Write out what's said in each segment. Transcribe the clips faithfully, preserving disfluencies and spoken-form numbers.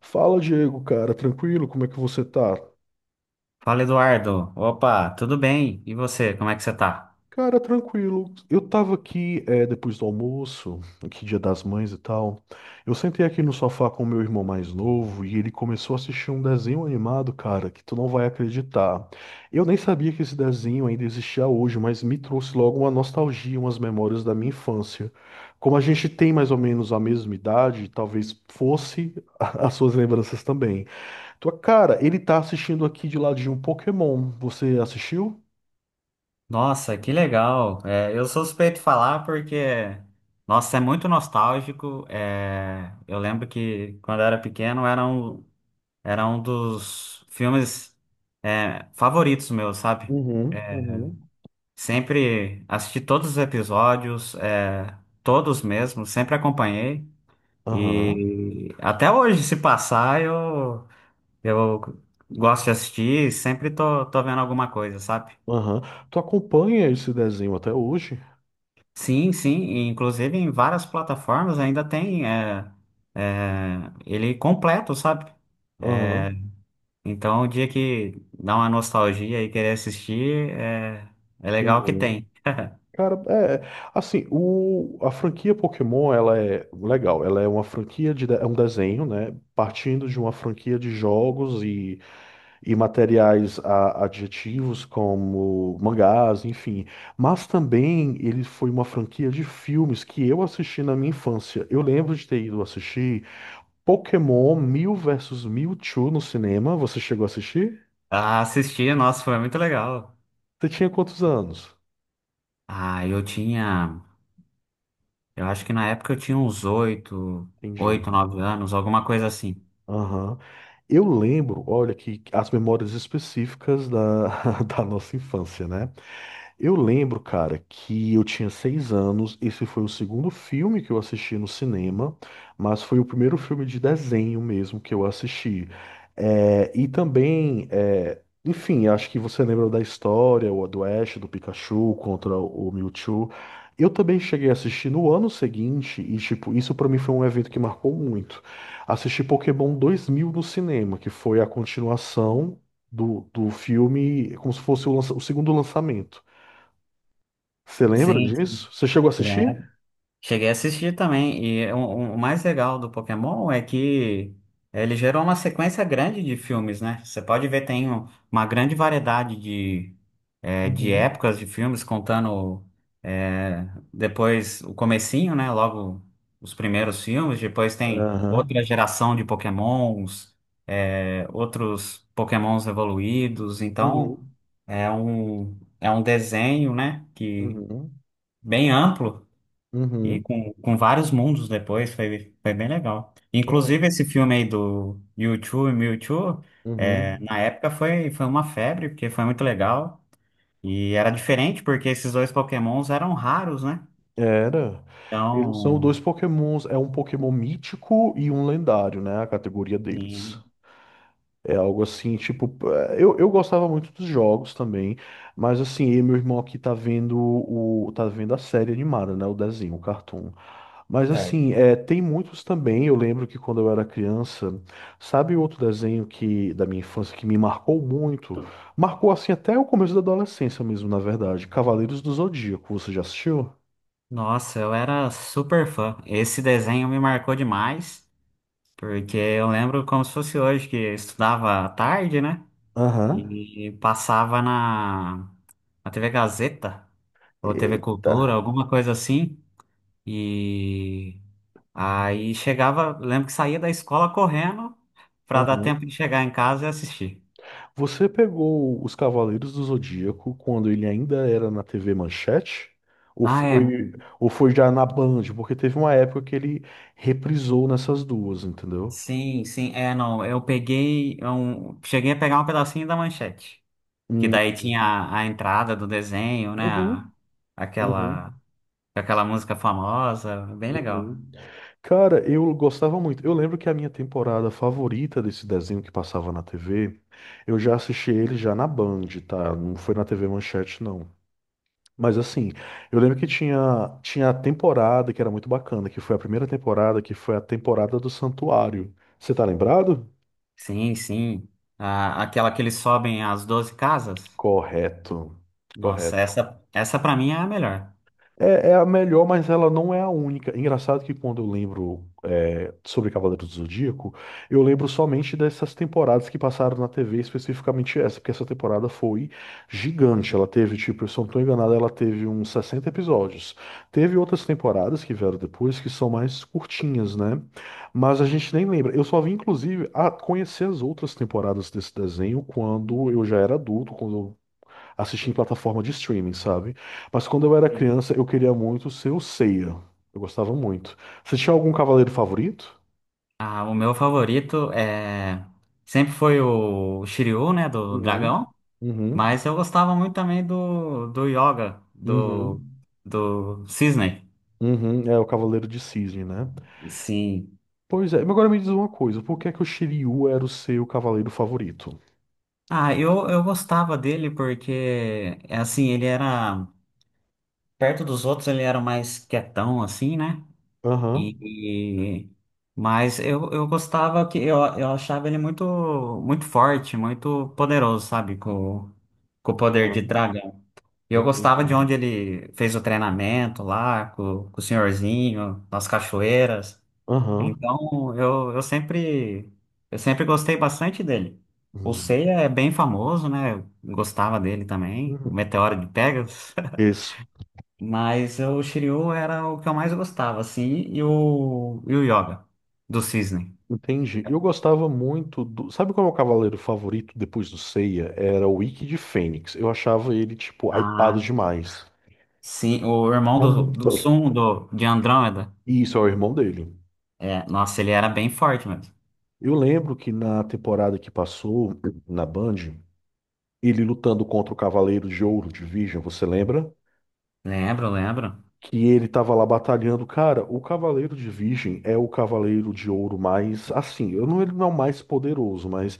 Fala, Diego, cara, tranquilo? Como é que você tá? Fala, Eduardo. Opa, tudo bem? E você, como é que você tá? Cara, tranquilo. Eu tava aqui, é, depois do almoço, aqui Dia das Mães e tal. Eu sentei aqui no sofá com o meu irmão mais novo e ele começou a assistir um desenho animado, cara, que tu não vai acreditar. Eu nem sabia que esse desenho ainda existia hoje, mas me trouxe logo uma nostalgia, umas memórias da minha infância. Como a gente tem mais ou menos a mesma idade, talvez fosse as suas lembranças também. Tua cara, ele tá assistindo aqui de ladinho um Pokémon. Você assistiu? Nossa, que legal. É, eu sou suspeito de falar porque, nossa, é muito nostálgico. É, eu lembro que quando eu era pequeno era um, era um dos filmes, é, favoritos meus, sabe? Uhum, É, uhum. sempre assisti todos os episódios, é, todos mesmo, sempre acompanhei. Aham, E até hoje, se passar, eu. Eu gosto de assistir, sempre tô, tô vendo alguma coisa, sabe? aham. Tu acompanha esse desenho até hoje? Sim, sim, e inclusive em várias plataformas ainda tem é, é, ele completo, sabe? Aham. Então, o dia que dá uma nostalgia e querer assistir, é, é legal que Uhum. tem. Cara, é é, assim, o, a franquia Pokémon, ela é legal, ela é uma franquia de, de- é um desenho, né, partindo de uma franquia de jogos e e materiais a- adjetivos como mangás, enfim. Mas também ele foi uma franquia de filmes que eu assisti na minha infância. Eu lembro de ter ido assistir Pokémon Mil versus Mewtwo no cinema. Você chegou a assistir? Ah, assistir, nossa, foi muito legal. Você tinha quantos anos? Ah, eu tinha, eu acho que na época eu tinha uns oito, Entendi. oito, nove anos, alguma coisa assim. Aham. Eu lembro, olha, que as memórias específicas da, da nossa infância, né? Eu lembro, cara, que eu tinha seis anos. Esse foi o segundo filme que eu assisti no cinema, mas foi o primeiro filme de desenho mesmo que eu assisti. É, e também, é, enfim, acho que você lembra da história, o do Ash, do Pikachu contra o Mewtwo. Eu também cheguei a assistir no ano seguinte, e tipo, isso pra mim foi um evento que marcou muito. Assisti Pokémon dois mil no cinema, que foi a continuação do, do filme, como se fosse o lança- o segundo lançamento. Você lembra Sim, sim. disso? Você chegou a assistir? Cheguei a assistir também, e o, o mais legal do Pokémon é que ele gerou uma sequência grande de filmes, né? Você pode ver, tem um- uma grande variedade de, eh, de Uhum. épocas de filmes, contando eh, depois o comecinho, né? Logo os primeiros filmes, depois tem Aham. outra geração de Pokémons, eh, outros Pokémons evoluídos, então Uhum. é um, é um desenho, né? Que Uhum. bem amplo. E Uhum. com, com vários mundos depois, foi, foi bem legal. Inclusive, esse filme aí do u e Mewtwo, é, Uhum. na época foi, foi uma febre, porque foi muito legal. E era diferente, porque esses dois Pokémons eram raros, né? Era. Eles são Então, dois Pokémons. É um Pokémon mítico e um lendário, né? A categoria deles. e- É algo assim, tipo. é, Eu, eu gostava muito dos jogos também. Mas assim, eu e meu irmão aqui tá vendo o. tá vendo a série animada, né? O desenho, o cartoon. Mas certo. assim, é, tem muitos também. Eu lembro que quando eu era criança, sabe outro desenho que da minha infância que me marcou muito? Marcou assim até o começo da adolescência mesmo, na verdade. Cavaleiros do Zodíaco, você já assistiu? Nossa, eu era super fã. Esse desenho me marcou demais, porque eu lembro como se fosse hoje, que eu estudava à tarde, né? Aham. E passava na, na T V Gazeta, ou T V Eita. Cultura, alguma coisa assim. E aí chegava, lembro que saía da escola correndo para dar Aham. tempo de chegar em casa e assistir. Você pegou os Cavaleiros do Zodíaco quando ele ainda era na T V Manchete? Ou Ah, é. foi, ou foi já na Band? Porque teve uma época que ele reprisou nessas duas, entendeu? Sim, sim, é, não. Eu peguei, um, cheguei a pegar um pedacinho da manchete, que Hum. daí tinha a, a entrada do desenho, né? a- Uhum. aquela, Uhum. aquela música famosa, bem legal. Uhum. Cara, eu gostava muito. Eu lembro que a minha temporada favorita desse desenho que passava na T V, eu já assisti ele já na Band, tá? Não foi na T V Manchete, não. Mas assim, eu lembro que tinha, tinha a temporada que era muito bacana, que foi a primeira temporada, que foi a temporada do Santuário. Você tá lembrado? Sim, sim. A- aquela que eles sobem as doze casas. Correto. Nossa, Correto. essa, essa para mim é a melhor. É, é a melhor, mas ela não é a única. Engraçado que quando eu lembro é, sobre Cavaleiros do Zodíaco, eu lembro somente dessas temporadas que passaram na T V, especificamente essa, porque essa temporada foi gigante. Ela teve, tipo, se eu não estou enganado, ela teve uns sessenta episódios. Teve outras temporadas que vieram depois que são mais curtinhas, né? Mas a gente nem lembra. Eu só vim, inclusive, a conhecer as outras temporadas desse desenho quando eu já era adulto, quando assistir em plataforma de streaming, sabe? Mas quando eu era criança, eu queria muito ser o Seiya. Eu gostava muito. Você tinha algum cavaleiro favorito? Ah, o meu favorito é sempre foi o Shiryu, né, do dragão, Uhum. Uhum. mas eu gostava muito também do, do Yoga, do, Uhum. do Cisne. Uhum. É o Cavaleiro de Cisne, né? Sim. Pois é, mas agora me diz uma coisa, por que é que o Shiryu era o seu cavaleiro favorito? Ah, eu, eu gostava dele porque, é assim, ele era, perto dos outros ele era mais quietão, assim, né, e, Aham. e- mas eu, eu gostava que, eu, eu achava ele muito, muito forte, muito poderoso, sabe, com, com o poder de Aham. dragão. E eu gostava de Entendi. onde ele fez o treinamento lá, com, com o senhorzinho, nas cachoeiras. Aham. Então, eu, eu sempre, eu sempre gostei bastante dele. O Uhum. Seiya é bem famoso, né? Eu gostava dele também, o Uhum. Meteoro de Pegasus. Isso. Mas o Shiryu era o que eu mais gostava, assim, e o, e o Yoga, do Cisne. Entendi. Eu gostava muito do. Sabe qual é o meu cavaleiro favorito depois do Seiya? Era o Ikki de Fênix. Eu achava ele, tipo, Ah, hypado demais. sim, o irmão do, do Sun, do, de Andrômeda. E isso é o irmão dele. É, nossa, ele era bem forte mesmo. Eu lembro que na temporada que passou na Band, ele lutando contra o Cavaleiro de Ouro de Virgem, você lembra? Lembro, lembro. Que ele tava lá batalhando. Cara, o Cavaleiro de Virgem é o Cavaleiro de Ouro mais, assim, eu não, ele não é o mais poderoso, mas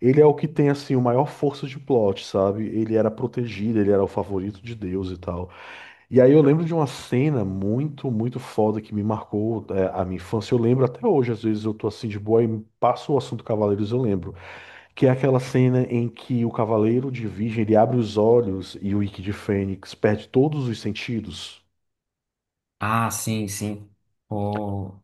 ele é o que tem, assim, o maior força de plot, sabe? Ele era protegido, ele era o favorito de Deus e tal. E aí eu lembro de uma cena muito, muito foda que me marcou, é, a minha infância. Eu lembro até hoje, às vezes eu tô assim de boa e passo o assunto Cavaleiros, eu lembro. Que é aquela cena em que o Cavaleiro de Virgem, ele abre os olhos e o Ikki de Fênix perde todos os sentidos. Ah, sim, sim. O-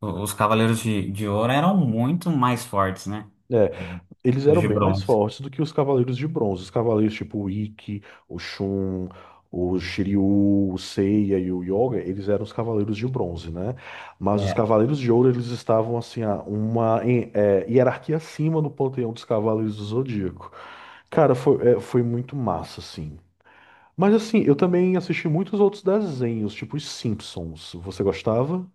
o- os Cavaleiros de, de Ouro eram muito mais fortes, né? É, É, eles os eram de bem mais bronze. fortes do que os Cavaleiros de Bronze. Os Cavaleiros tipo o Ikki, o Shun, o Shiryu, o Seiya e o Yoga, eles eram os Cavaleiros de Bronze, né? Mas os É. Cavaleiros de Ouro, eles estavam assim, a uma em- é, hierarquia acima no panteão dos Cavaleiros do Zodíaco. Cara, foi, é, foi muito massa, assim. Mas assim, eu também assisti muitos outros desenhos, tipo os Simpsons. Você gostava?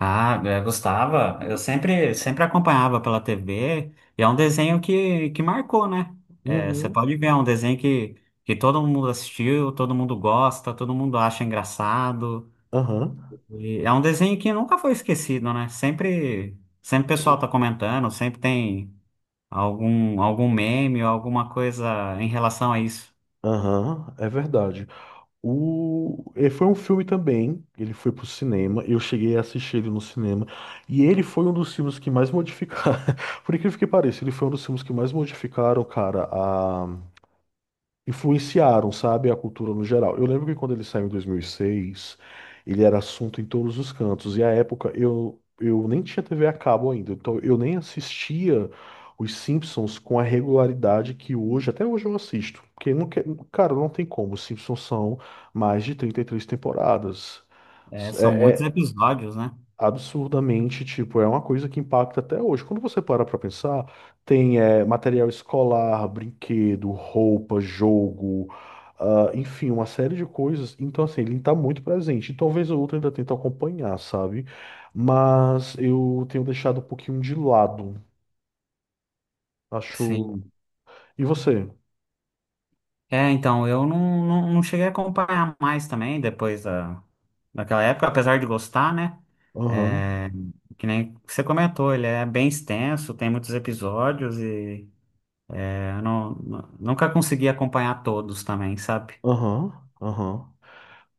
Ah, eu gostava. Eu sempre, sempre acompanhava pela T V. E é um desenho que, que marcou, né? É, você Uhum. pode ver, é um desenho que, que todo mundo assistiu, todo mundo gosta, todo mundo acha engraçado. Aham. E é um desenho que nunca foi esquecido, né? Sempre, sempre o pessoal Sim. tá comentando, sempre tem. Algum, algum meme ou alguma coisa em relação a isso. Aham, é verdade. O... é, Foi um filme também, ele foi pro cinema, eu cheguei a assistir ele no cinema, e ele foi um dos filmes que mais modificaram, por incrível que pareça, ele foi um dos filmes que mais modificaram, cara, influenciaram, sabe, a cultura no geral. Eu lembro que quando ele saiu em dois mil e seis, ele era assunto em todos os cantos. E à época eu, eu nem tinha T V a cabo ainda, então eu nem assistia os Simpsons com a regularidade que hoje, até hoje eu assisto. Porque não quer, cara, não tem como. Os Simpsons são mais de trinta e três temporadas. É, É, são muitos é, episódios, né? Absurdamente, tipo, é uma coisa que impacta até hoje. Quando você para pra pensar, tem eh, material escolar, brinquedo, roupa, jogo, ah, enfim, uma série de coisas. Então, assim, ele tá muito presente. E talvez o outro ainda tente acompanhar, sabe? Mas eu tenho deixado um pouquinho de lado, acho. Sim. E você? É, então, eu não, não, não cheguei a acompanhar mais também depois da, daquela época, apesar de gostar, né? Aham, É, que nem você comentou, ele é bem extenso, tem muitos episódios e é, eu não, nu- nunca consegui acompanhar todos também, sabe? aham, aham.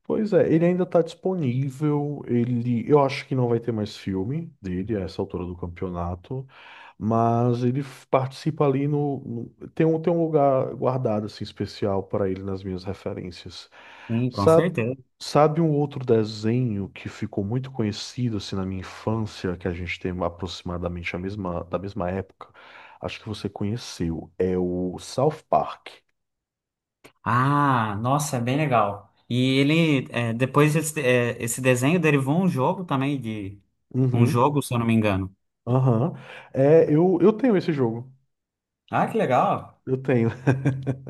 Pois é, ele ainda tá disponível. Ele, eu acho que não vai ter mais filme dele a essa altura do campeonato. Mas ele f- participa ali no, no- tem um, tem um lugar guardado assim especial para ele nas minhas referências. Sim, com Sabe, certeza. sabe um outro desenho que ficou muito conhecido assim na minha infância, que a gente tem aproximadamente a mesma da mesma época? Acho que você conheceu, é o South Park. Ah, nossa, é bem legal. E ele, é, depois esse, é, esse desenho derivou um jogo também de um Uhum. jogo, se eu não me engano. Aham. É, eu, eu tenho esse jogo. Ah, que legal. Eu tenho.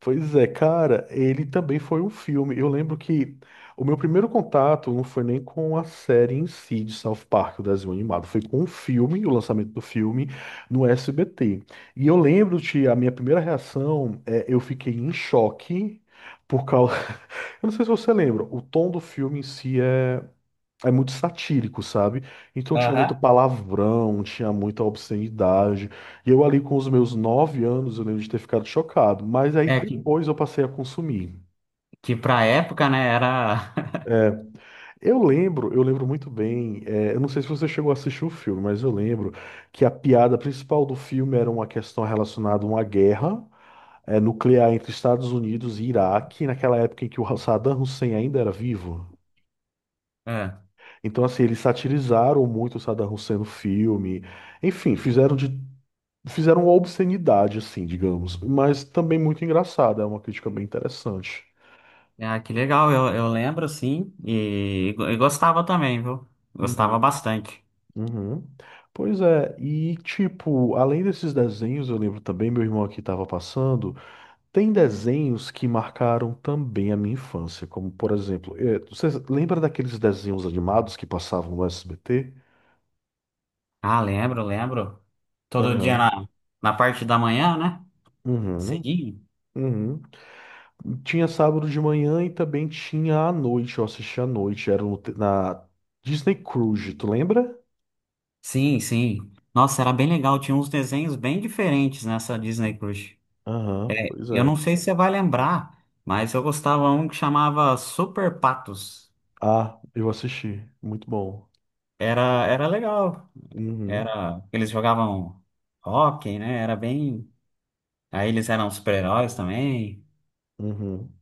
Pois é, cara, ele também foi um filme. Eu lembro que o meu primeiro contato não foi nem com a série em si de South Park, o desenho animado, foi com o filme, o lançamento do filme no S B T. E eu lembro que a minha primeira reação é eu fiquei em choque por causa. Eu não sei se você lembra, o tom do filme em si é é muito satírico, sabe? Então tinha muito Aham. palavrão, tinha muita obscenidade. E eu ali com os meus nove anos, eu lembro de ter ficado chocado. Mas aí É que, depois eu passei a consumir. que pra época, né, era É, eu lembro, eu lembro muito bem. é, eu não sei se você chegou a assistir o filme, mas eu lembro que a piada principal do filme era uma questão relacionada a uma guerra, é, nuclear entre Estados Unidos e Iraque, naquela época em que o Saddam Hussein ainda era vivo. Então, assim, eles satirizaram muito o Saddam Hussein no filme. Enfim, fizeram de. Fizeram uma obscenidade, assim, digamos. Mas também muito engraçada. É uma crítica bem interessante. É. Ah, que legal, eu, eu lembro sim, e, e gostava também, viu? Gostava Uhum, bastante. uhum. Pois é, e tipo, além desses desenhos, eu lembro também, meu irmão aqui estava passando, tem desenhos que marcaram também a minha infância, como por exemplo, eh, você lembra daqueles desenhos animados que passavam no S B T? Ah, lembro, lembro. Todo dia Aham. na, na parte da manhã, né? Uhum. Cedinho? Uhum. Tinha sábado de manhã e também tinha à noite. Eu assisti à noite, era no te- na Disney Cruise, tu lembra? Sim, sim. Nossa, era bem legal, tinha uns desenhos bem diferentes nessa Disney Cruise. Aham, pois Eu é. não sei se você vai lembrar, mas eu gostava um que chamava Super Patos. Ah, eu assisti. Muito bom. Era, era legal. Uhum, Era, eles jogavam hóquei, né? Era bem. Aí eles eram super-heróis também. uhum.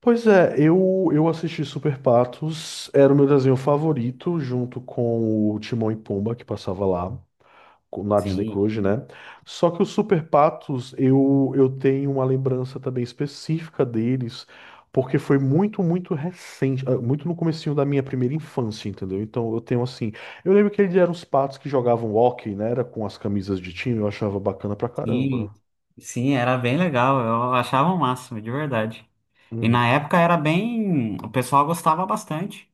Pois é, eu, eu assisti Super Patos, era o meu desenho favorito, junto com o Timão e Pumba, que passava lá. Na Disney Sim, Cruise, né? Só que os Super Patos, eu, eu tenho uma lembrança também específica deles, porque foi muito, muito recente, ah, muito no comecinho da minha primeira infância, entendeu? Então eu tenho assim, eu lembro que eles eram os patos que jogavam hóquei, né? Era com as camisas de time, eu achava bacana pra sim, caramba. sim, era bem legal. Eu achava o máximo, de verdade. E Uhum. na época era bem. O pessoal gostava bastante.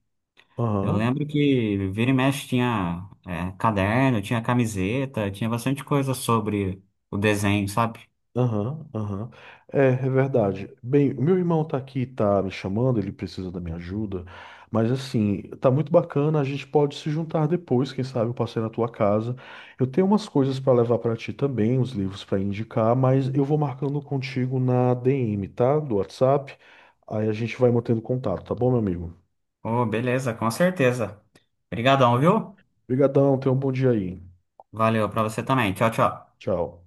Eu Aham. lembro que vira e mexe tinha, é, caderno, tinha camiseta, tinha bastante coisa sobre o desenho, sabe? Aham, aham. É, é verdade. Bem, o meu irmão tá aqui, tá me chamando, ele precisa da minha ajuda, mas assim, tá muito bacana, a gente pode se juntar depois, quem sabe eu passei na tua casa. Eu tenho umas coisas pra levar pra ti também, uns livros pra indicar, mas eu vou marcando contigo na D M, tá? Do WhatsApp. Aí a gente vai mantendo contato, tá bom, meu amigo? Oh, beleza, com certeza. Obrigadão, viu? Obrigadão, tenha um bom dia aí. Valeu pra você também. Tchau, tchau. Tchau.